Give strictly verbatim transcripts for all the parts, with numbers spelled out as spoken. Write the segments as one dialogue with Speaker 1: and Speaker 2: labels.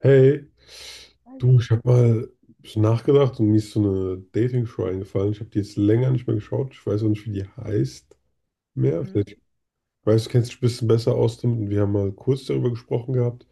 Speaker 1: Hey, du,
Speaker 2: Hi.
Speaker 1: ich habe mal ein bisschen nachgedacht und mir ist so eine Dating-Show eingefallen. Ich habe die jetzt länger nicht mehr geschaut. Ich weiß auch nicht, wie die heißt mehr. Vielleicht weißt du, kennst dich ein bisschen besser aus damit und wir haben mal kurz darüber gesprochen gehabt.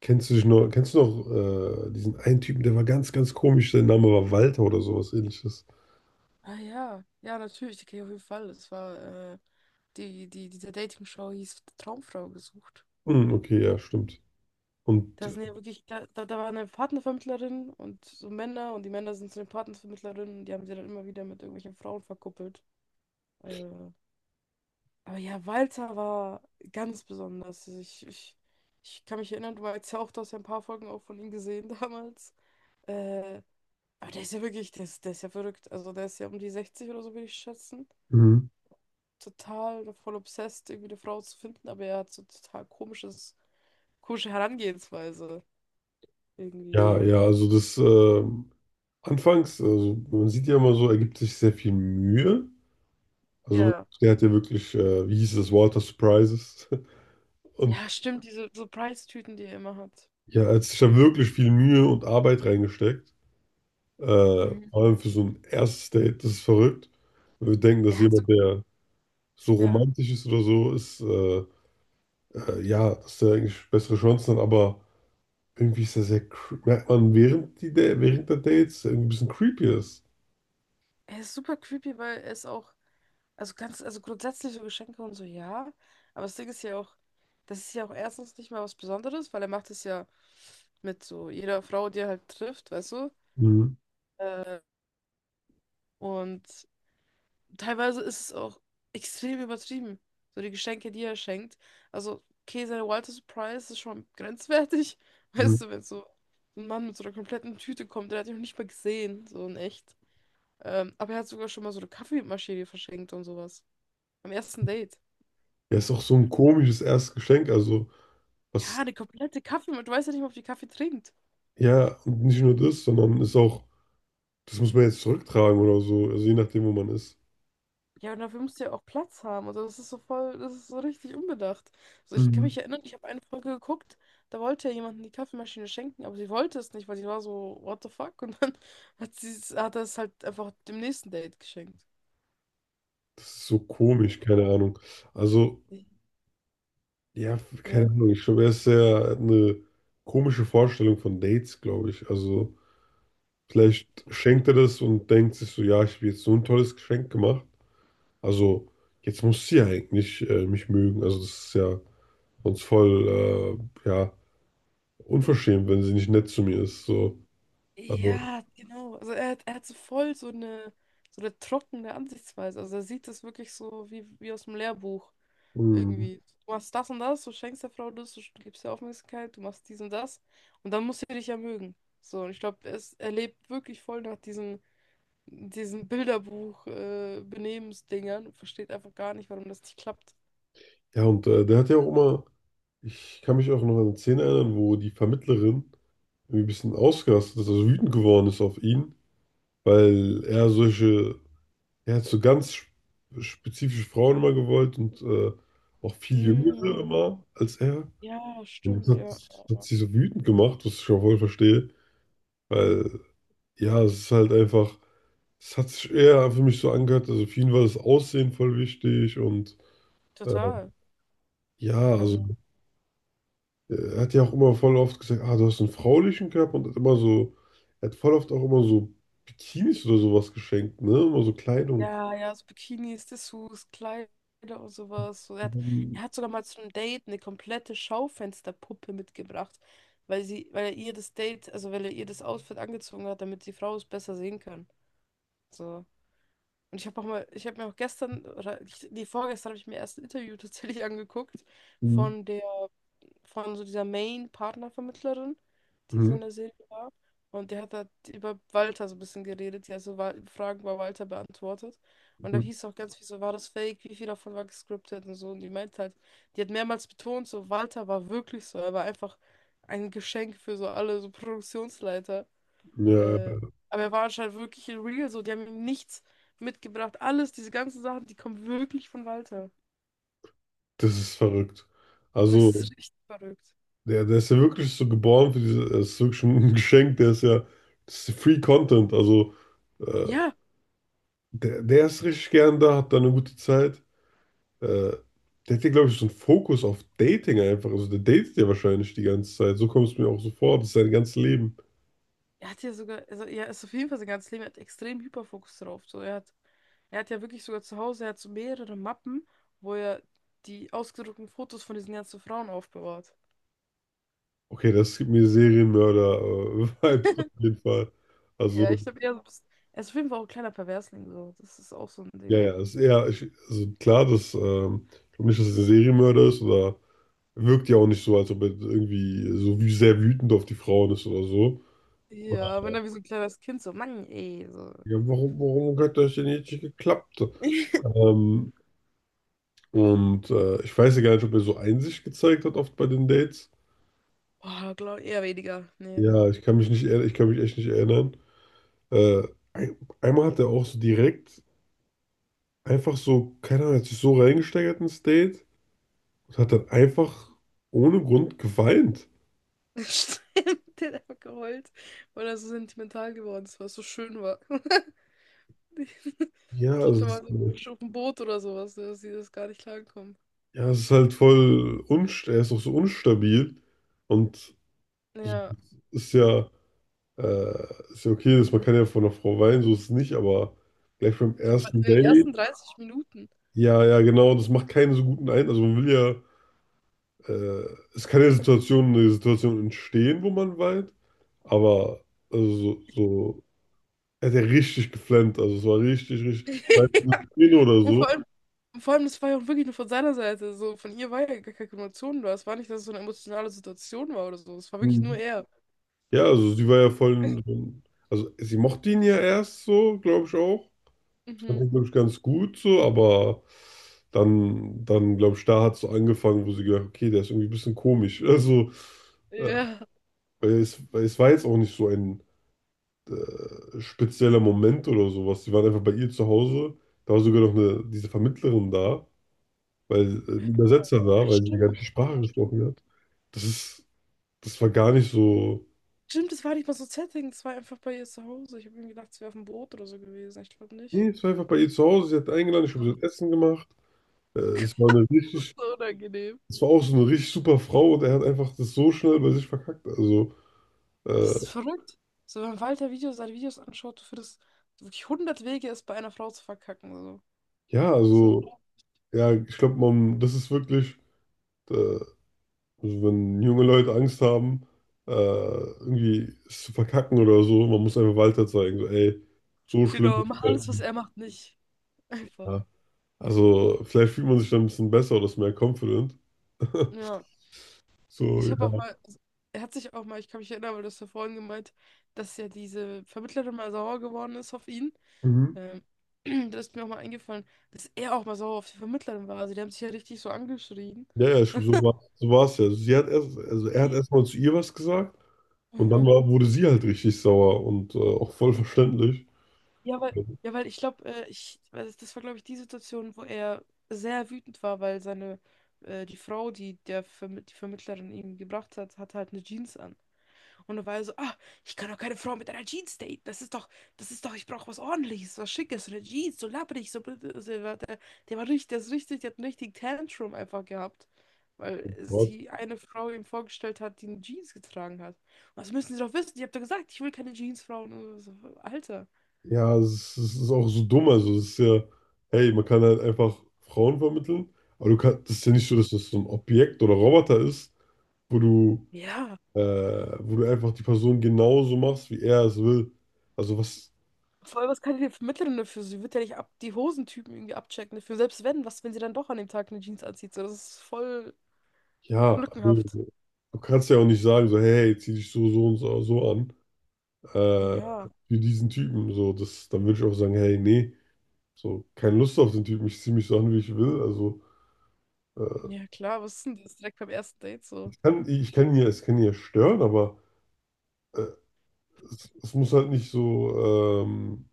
Speaker 1: Kennst du dich noch, kennst du noch äh, diesen einen Typen, der war ganz, ganz komisch, der Name war Walter oder sowas ähnliches.
Speaker 2: Ja, ja, ja, natürlich, die kenne ich auf jeden Fall. Das war, äh, die, die, diese Dating-Show hieß Traumfrau gesucht.
Speaker 1: Hm, okay, ja, stimmt. Und
Speaker 2: Das sind ja wirklich, da, da da war eine Partnervermittlerin und so Männer, und die Männer sind zu den Partnervermittlerinnen, und die haben sie dann immer wieder mit irgendwelchen Frauen verkuppelt. Äh, aber ja, Walter war ganz besonders. Also Ich, ich, ich kann mich erinnern, du meinst ja auch, du hast ja ein paar Folgen auch von ihm gesehen damals. Äh, aber der ist ja wirklich, der ist, der ist ja verrückt. Also der ist ja um die sechzig oder so, würde ich schätzen.
Speaker 1: mhm.
Speaker 2: Total voll obsessed, irgendwie eine Frau zu finden, aber er hat so total komisches, komische Herangehensweise irgendwie.
Speaker 1: Ja, ja, also das ähm, anfangs, also man sieht ja immer so, er gibt sich sehr viel Mühe. Also
Speaker 2: Ja.
Speaker 1: der hat ja wirklich, äh, wie hieß es, Water Surprises. Und
Speaker 2: Ja, stimmt, diese Surprise-Tüten, die er immer hat.
Speaker 1: ja, er hat sich da wirklich viel Mühe und Arbeit reingesteckt. Äh, Vor
Speaker 2: Mhm.
Speaker 1: allem für so ein erstes Date, das ist verrückt. Weil wir denken, dass
Speaker 2: Er hat so,
Speaker 1: jemand, der so
Speaker 2: ja.
Speaker 1: romantisch ist oder so, ist, äh, äh, ja, dass der eigentlich bessere Chancen hat, aber irgendwie ist er sehr, cre- merkt man während, die, Da- während der Dates, irgendwie ein bisschen creepy ist.
Speaker 2: Er ist super creepy, weil er ist auch, also ganz, also grundsätzlich so Geschenke und so, ja. Aber das Ding ist ja auch, das ist ja auch erstens nicht mal was Besonderes, weil er macht es ja mit so jeder Frau, die er halt trifft, weißt du?
Speaker 1: Mhm.
Speaker 2: Äh, Und teilweise ist es auch extrem übertrieben. So die Geschenke, die er schenkt. Also, okay, seine Walter Surprise ist schon grenzwertig.
Speaker 1: Mhm.
Speaker 2: Weißt du, wenn so ein Mann mit so einer kompletten Tüte kommt, der hat ihn noch nicht mal gesehen, so in echt. Ähm, aber er hat sogar schon mal so eine Kaffeemaschine verschenkt und sowas. Am ersten Date.
Speaker 1: Ja, ist auch so ein komisches erstes Geschenk, also
Speaker 2: Ja,
Speaker 1: was,
Speaker 2: eine komplette Kaffeemaschine. Du weißt ja nicht mal, ob die Kaffee trinkt.
Speaker 1: ja, und nicht nur das, sondern ist auch das muss man jetzt zurücktragen oder so, also je nachdem, wo man ist.
Speaker 2: Ja, und dafür musst du ja auch Platz haben. Also das ist so voll, das ist so richtig unbedacht. Also ich kann
Speaker 1: Mhm.
Speaker 2: mich erinnern, ich habe eine Folge geguckt, da wollte ja jemand die Kaffeemaschine schenken, aber sie wollte es nicht, weil sie war so, what the fuck? Und dann hat sie es- hat er es halt einfach dem nächsten Date geschenkt.
Speaker 1: Das ist so komisch, keine Ahnung. Also, ja,
Speaker 2: Ja.
Speaker 1: keine Ahnung. Ich glaube, er ist sehr eine komische Vorstellung von Dates, glaube ich. Also, vielleicht schenkt er das und denkt sich so, ja, ich habe jetzt so ein tolles Geschenk gemacht. Also, jetzt muss sie ja eigentlich äh, mich mögen. Also, das ist ja sonst voll, äh, ja, unverschämt, wenn sie nicht nett zu mir ist. So, also,
Speaker 2: Ja, genau. Also er hat, er hat so voll so eine, so eine trockene Ansichtsweise. Also er sieht das wirklich so wie, wie aus dem Lehrbuch.
Speaker 1: mh.
Speaker 2: Irgendwie, du machst das und das, du schenkst der Frau das, du gibst ihr Aufmerksamkeit, du machst dies und das, und dann muss sie dich ja mögen. So, und ich glaube, es er lebt wirklich voll nach diesen, diesen Bilderbuch äh, Benehmensdingern und versteht einfach gar nicht, warum das nicht klappt.
Speaker 1: Ja, und äh, der hat ja auch immer ich kann mich auch noch an eine Szene erinnern, wo die Vermittlerin irgendwie ein bisschen ausgerastet ist, also wütend geworden ist auf ihn, weil er solche, er hat so ganz sp- spezifische Frauen immer gewollt und äh, auch viel jüngere
Speaker 2: Mm,
Speaker 1: immer als er.
Speaker 2: ja,
Speaker 1: Und das
Speaker 2: stimmt,
Speaker 1: hat,
Speaker 2: ja.
Speaker 1: das hat sie so wütend gemacht, was ich auch voll verstehe, weil ja, es ist halt einfach, es hat sich eher für mich so angehört, also für ihn war das Aussehen voll wichtig und äh,
Speaker 2: Total.
Speaker 1: ja, also.
Speaker 2: Also
Speaker 1: Er hat ja auch immer voll oft gesagt, ah, du hast einen fraulichen Körper und hat immer so, er hat voll oft auch immer so Bikinis oder sowas geschenkt, ne? Immer so Kleidung.
Speaker 2: ja, ja, so Bikinis, Dessous, Kleider und sowas. So, er hat,
Speaker 1: Mhm.
Speaker 2: er hat sogar mal zu einem Date eine komplette Schaufensterpuppe mitgebracht, weil sie, weil er ihr das Date, also weil er ihr das Outfit angezogen hat, damit die Frau es besser sehen kann. So. Und ich habe auch mal, ich habe mir auch gestern, oder ich- nee, vorgestern habe ich mir erst ein Interview tatsächlich angeguckt
Speaker 1: Mhm.
Speaker 2: von der von so dieser Main-Partnervermittlerin, die so
Speaker 1: Mhm.
Speaker 2: in der Serie war. Und die hat halt über Walter so ein bisschen geredet. Die hat so Wa- Fragen bei Walter beantwortet. Und da
Speaker 1: Mhm.
Speaker 2: hieß auch ganz viel so, war das fake? Wie viel davon war gescriptet und so. Und die meint halt, die hat mehrmals betont, so Walter war wirklich so. Er war einfach ein Geschenk für so alle, so Produktionsleiter.
Speaker 1: Ja,
Speaker 2: Äh, aber er war anscheinend wirklich in real so. Die haben ihm nichts mitgebracht. Alles, diese ganzen Sachen, die kommen wirklich von Walter.
Speaker 1: das ist verrückt.
Speaker 2: Das ist
Speaker 1: Also,
Speaker 2: richtig verrückt.
Speaker 1: der, der ist ja wirklich so geboren für diese, das ist wirklich ein Geschenk, der ist ja, das ist Free Content, also äh,
Speaker 2: Ja,
Speaker 1: der, der ist richtig gern da, hat da eine gute Zeit. Äh, Der hat ja, glaube ich, so einen Fokus auf Dating einfach, also der datet ja wahrscheinlich die ganze Zeit, so kommt es mir auch so vor, das ist sein ganzes Leben.
Speaker 2: er hat ja sogar, also er ist auf jeden Fall sein ganzes Leben, er hat extrem Hyperfokus drauf. So, er hat, er hat ja wirklich sogar zu Hause, er hat so mehrere Mappen, wo er die ausgedruckten Fotos von diesen ganzen Frauen aufbewahrt.
Speaker 1: Okay, das gibt mir Serienmörder-Vibes auf jeden Fall.
Speaker 2: Ja,
Speaker 1: Also,
Speaker 2: ich glaube, er, so ein bisschen- er ist auf jeden Fall auch ein kleiner Perversling, so. Das ist auch so ein
Speaker 1: ja,
Speaker 2: Ding.
Speaker 1: ja, ist eher, ich, also klar, dass, ähm, ich glaube nicht, dass es ein Serienmörder ist oder wirkt ja auch nicht so, als ob er irgendwie so wie sehr wütend auf die Frauen ist oder so.
Speaker 2: Ja, wenn er wie so ein kleines Kind so, Mann, ey, so.
Speaker 1: Ja, warum, warum hat das denn jetzt nicht geklappt? Ähm, und äh, ich weiß ja gar nicht, ob er so Einsicht gezeigt hat oft bei den Dates.
Speaker 2: Boah, glaube eher weniger. Nee.
Speaker 1: Ja, ich kann mich nicht, erinn- ich kann mich echt nicht erinnern. Äh, ein, einmal hat er auch so direkt einfach so, keine Ahnung, hat sich so reingesteigert ins Date und hat dann einfach ohne Grund geweint.
Speaker 2: Stimmt, der hat einfach geheult, weil er so sentimental geworden ist, weil es so schön war.
Speaker 1: Ja,
Speaker 2: Ich glaube,
Speaker 1: also,
Speaker 2: da
Speaker 1: es
Speaker 2: war
Speaker 1: äh,
Speaker 2: so auf dem Boot oder sowas, dass sie das gar nicht klarkommen.
Speaker 1: ja, es ist halt voll unst er ist auch so unstabil und also,
Speaker 2: Ja.
Speaker 1: es ist ja, äh, ist ja okay, dass man kann ja von einer Frau weinen, so ist es nicht, aber gleich beim
Speaker 2: Ja, aber in
Speaker 1: ersten
Speaker 2: den
Speaker 1: Date,
Speaker 2: ersten dreißig Minuten.
Speaker 1: ja, ja, genau, das macht keinen so guten Eindruck. Also man will ja, äh, es kann ja Situationen, eine Situation entstehen, wo man weint, aber also so, so er hat ja richtig geflammt, also es war richtig, richtig, weißt du, eine Szene oder
Speaker 2: Und
Speaker 1: so.
Speaker 2: vor allem, vor allem, das war ja auch wirklich nur von seiner Seite. So, von ihr war ja gar keine Emotion da. Es war nicht, dass es so eine emotionale Situation war oder so. Es war wirklich nur
Speaker 1: Mhm.
Speaker 2: er.
Speaker 1: Ja, also sie war ja voll, so also sie mochte ihn ja erst so, glaube ich auch. Fand
Speaker 2: Mhm.
Speaker 1: ihn, glaube ich, ganz gut so, aber dann, dann glaube ich, da hat es so angefangen, wo sie gedacht, okay, der ist irgendwie ein bisschen komisch. Also, äh,
Speaker 2: Ja.
Speaker 1: weil es, weil es war jetzt auch nicht so ein äh, spezieller Moment oder sowas. Sie waren einfach bei ihr zu Hause. Da war sogar noch eine, diese Vermittlerin da, weil äh, ein
Speaker 2: Oh,
Speaker 1: Übersetzer
Speaker 2: ja,
Speaker 1: da, weil sie ja gar nicht
Speaker 2: stimmt.
Speaker 1: die
Speaker 2: Ja,
Speaker 1: Sprache
Speaker 2: stimmt.
Speaker 1: gesprochen hat. Das ist, das war gar nicht so.
Speaker 2: Stimmt, das war nicht mal so ein Setting. Das war einfach bei ihr zu Hause. Ich habe mir gedacht, sie wäre auf dem Boot oder so gewesen. Ich glaube nicht.
Speaker 1: Nee, es war einfach bei ihr zu Hause. Sie hat eingeladen, ich habe
Speaker 2: Oh,
Speaker 1: so Essen gemacht. Äh, Es war
Speaker 2: Gott,
Speaker 1: eine richtig,
Speaker 2: so unangenehm.
Speaker 1: es war auch so eine richtig super Frau und er hat einfach das so schnell bei sich verkackt. Also,
Speaker 2: Das
Speaker 1: äh,
Speaker 2: ist verrückt. So, wenn Walter Videos, seine Videos anschaut, du findest wirklich hundert Wege, es bei einer Frau zu verkacken. So.
Speaker 1: ja,
Speaker 2: So.
Speaker 1: also, ja, ich glaube, man, das ist wirklich, äh, also wenn junge Leute Angst haben, äh, irgendwie es zu verkacken oder so, man muss einfach weiter zeigen, so, ey, so schlimm ist
Speaker 2: Genau. Mach
Speaker 1: es
Speaker 2: alles, was
Speaker 1: nicht.
Speaker 2: er macht, nicht. Einfach.
Speaker 1: Ja. Also, vielleicht fühlt man sich dann ein bisschen besser oder ist mehr confident.
Speaker 2: Ja.
Speaker 1: So,
Speaker 2: Ich habe auch
Speaker 1: ja.
Speaker 2: mal, also, er hat sich auch mal, ich kann mich erinnern, weil du hast ja vorhin gemeint, dass ja diese Vermittlerin mal sauer geworden ist auf ihn.
Speaker 1: Mhm.
Speaker 2: Ähm, Da ist mir auch mal eingefallen, dass er auch mal sauer auf die Vermittlerin war. Also die haben sich ja richtig so angeschrien.
Speaker 1: Ja, ja, ich, so war, so war es ja. Sie hat erst, also er hat
Speaker 2: I-
Speaker 1: erstmal zu ihr was gesagt. Und dann
Speaker 2: Mhm.
Speaker 1: war, wurde sie halt richtig sauer und äh, auch voll verständlich.
Speaker 2: Ja, weil, ja, weil ich glaube, äh, ich, weil das das war, glaube ich, die Situation, wo er sehr wütend war, weil seine, äh, die Frau, die der Verm die Vermittlerin ihm gebracht hat, hatte halt eine Jeans an. Und da war er so: Ah, ich kann doch keine Frau mit einer Jeans daten. Das ist doch, das ist doch, ich brauche was Ordentliches, was Schickes, so eine Jeans, so labbrig, so blöd. Also, er war- der, der war richtig, der ist richtig, der hat einen richtigen Tantrum einfach gehabt. Weil
Speaker 1: Gott,
Speaker 2: sie eine Frau ihm vorgestellt hat, die eine Jeans getragen hat. Was müssen Sie doch wissen? Ich habe doch gesagt, ich will keine Jeansfrauen. Und so, Alter.
Speaker 1: ja, es, ist- es ist auch so dumm. Also, es ist ja, hey, man kann halt einfach Frauen vermitteln, aber du kannst, das ist ja nicht so, dass das so ein Objekt oder Roboter ist, wo du,
Speaker 2: Ja.
Speaker 1: äh, wo du einfach die Person genauso machst, wie er es will. Also, was,
Speaker 2: Vor allem, was kann ich dir vermitteln dafür? Sie wird ja nicht ab die Hosentypen irgendwie abchecken dafür. Selbst wenn, was, wenn sie dann doch an dem Tag eine Jeans anzieht? So, das ist voll
Speaker 1: ja, du,
Speaker 2: lückenhaft.
Speaker 1: du kannst ja auch nicht sagen, so, hey, hey, zieh dich so, so und so so an, äh,
Speaker 2: Ja,
Speaker 1: wie diesen Typen. So, das, dann würde ich auch sagen, hey, nee, so, keine Lust auf den Typen, ich zieh mich so an, wie ich will. Also, äh,
Speaker 2: ja klar, was ist denn das direkt beim ersten Date so?
Speaker 1: ich kann, ich kann ihn ja, es kann ihn ja stören, aber äh, es, es muss halt nicht so, ähm,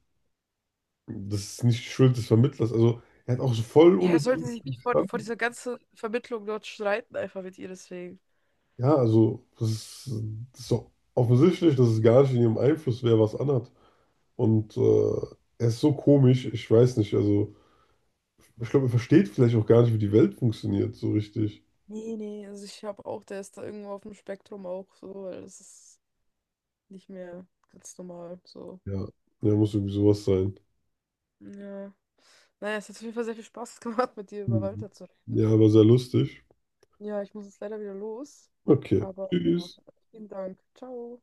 Speaker 1: das ist nicht die Schuld des Vermittlers. Also er hat auch so voll
Speaker 2: Ja, er sollte
Speaker 1: unrealistisch
Speaker 2: sich nicht vor, vor
Speaker 1: gestanden.
Speaker 2: dieser ganzen Vermittlung dort streiten, einfach mit ihr deswegen.
Speaker 1: Ja, also das ist, das ist doch offensichtlich, dass es gar nicht in ihrem Einfluss wäre, was anhat. Und äh, er ist so komisch, ich weiß nicht. Also ich glaube, er versteht vielleicht auch gar nicht, wie die Welt funktioniert, so richtig.
Speaker 2: Nee, nee, also ich habe auch, der ist da irgendwo auf dem Spektrum auch so, weil das ist nicht mehr ganz normal so.
Speaker 1: Ja, ja, muss irgendwie sowas sein.
Speaker 2: Ja. Naja, es hat auf jeden Fall sehr viel Spaß gemacht, mit dir über
Speaker 1: Mhm.
Speaker 2: Walter zu reden.
Speaker 1: Ja, aber sehr lustig.
Speaker 2: Ja, ich muss jetzt leider wieder los.
Speaker 1: Okay,
Speaker 2: Aber ja,
Speaker 1: tschüss.
Speaker 2: vielen Dank. Ciao.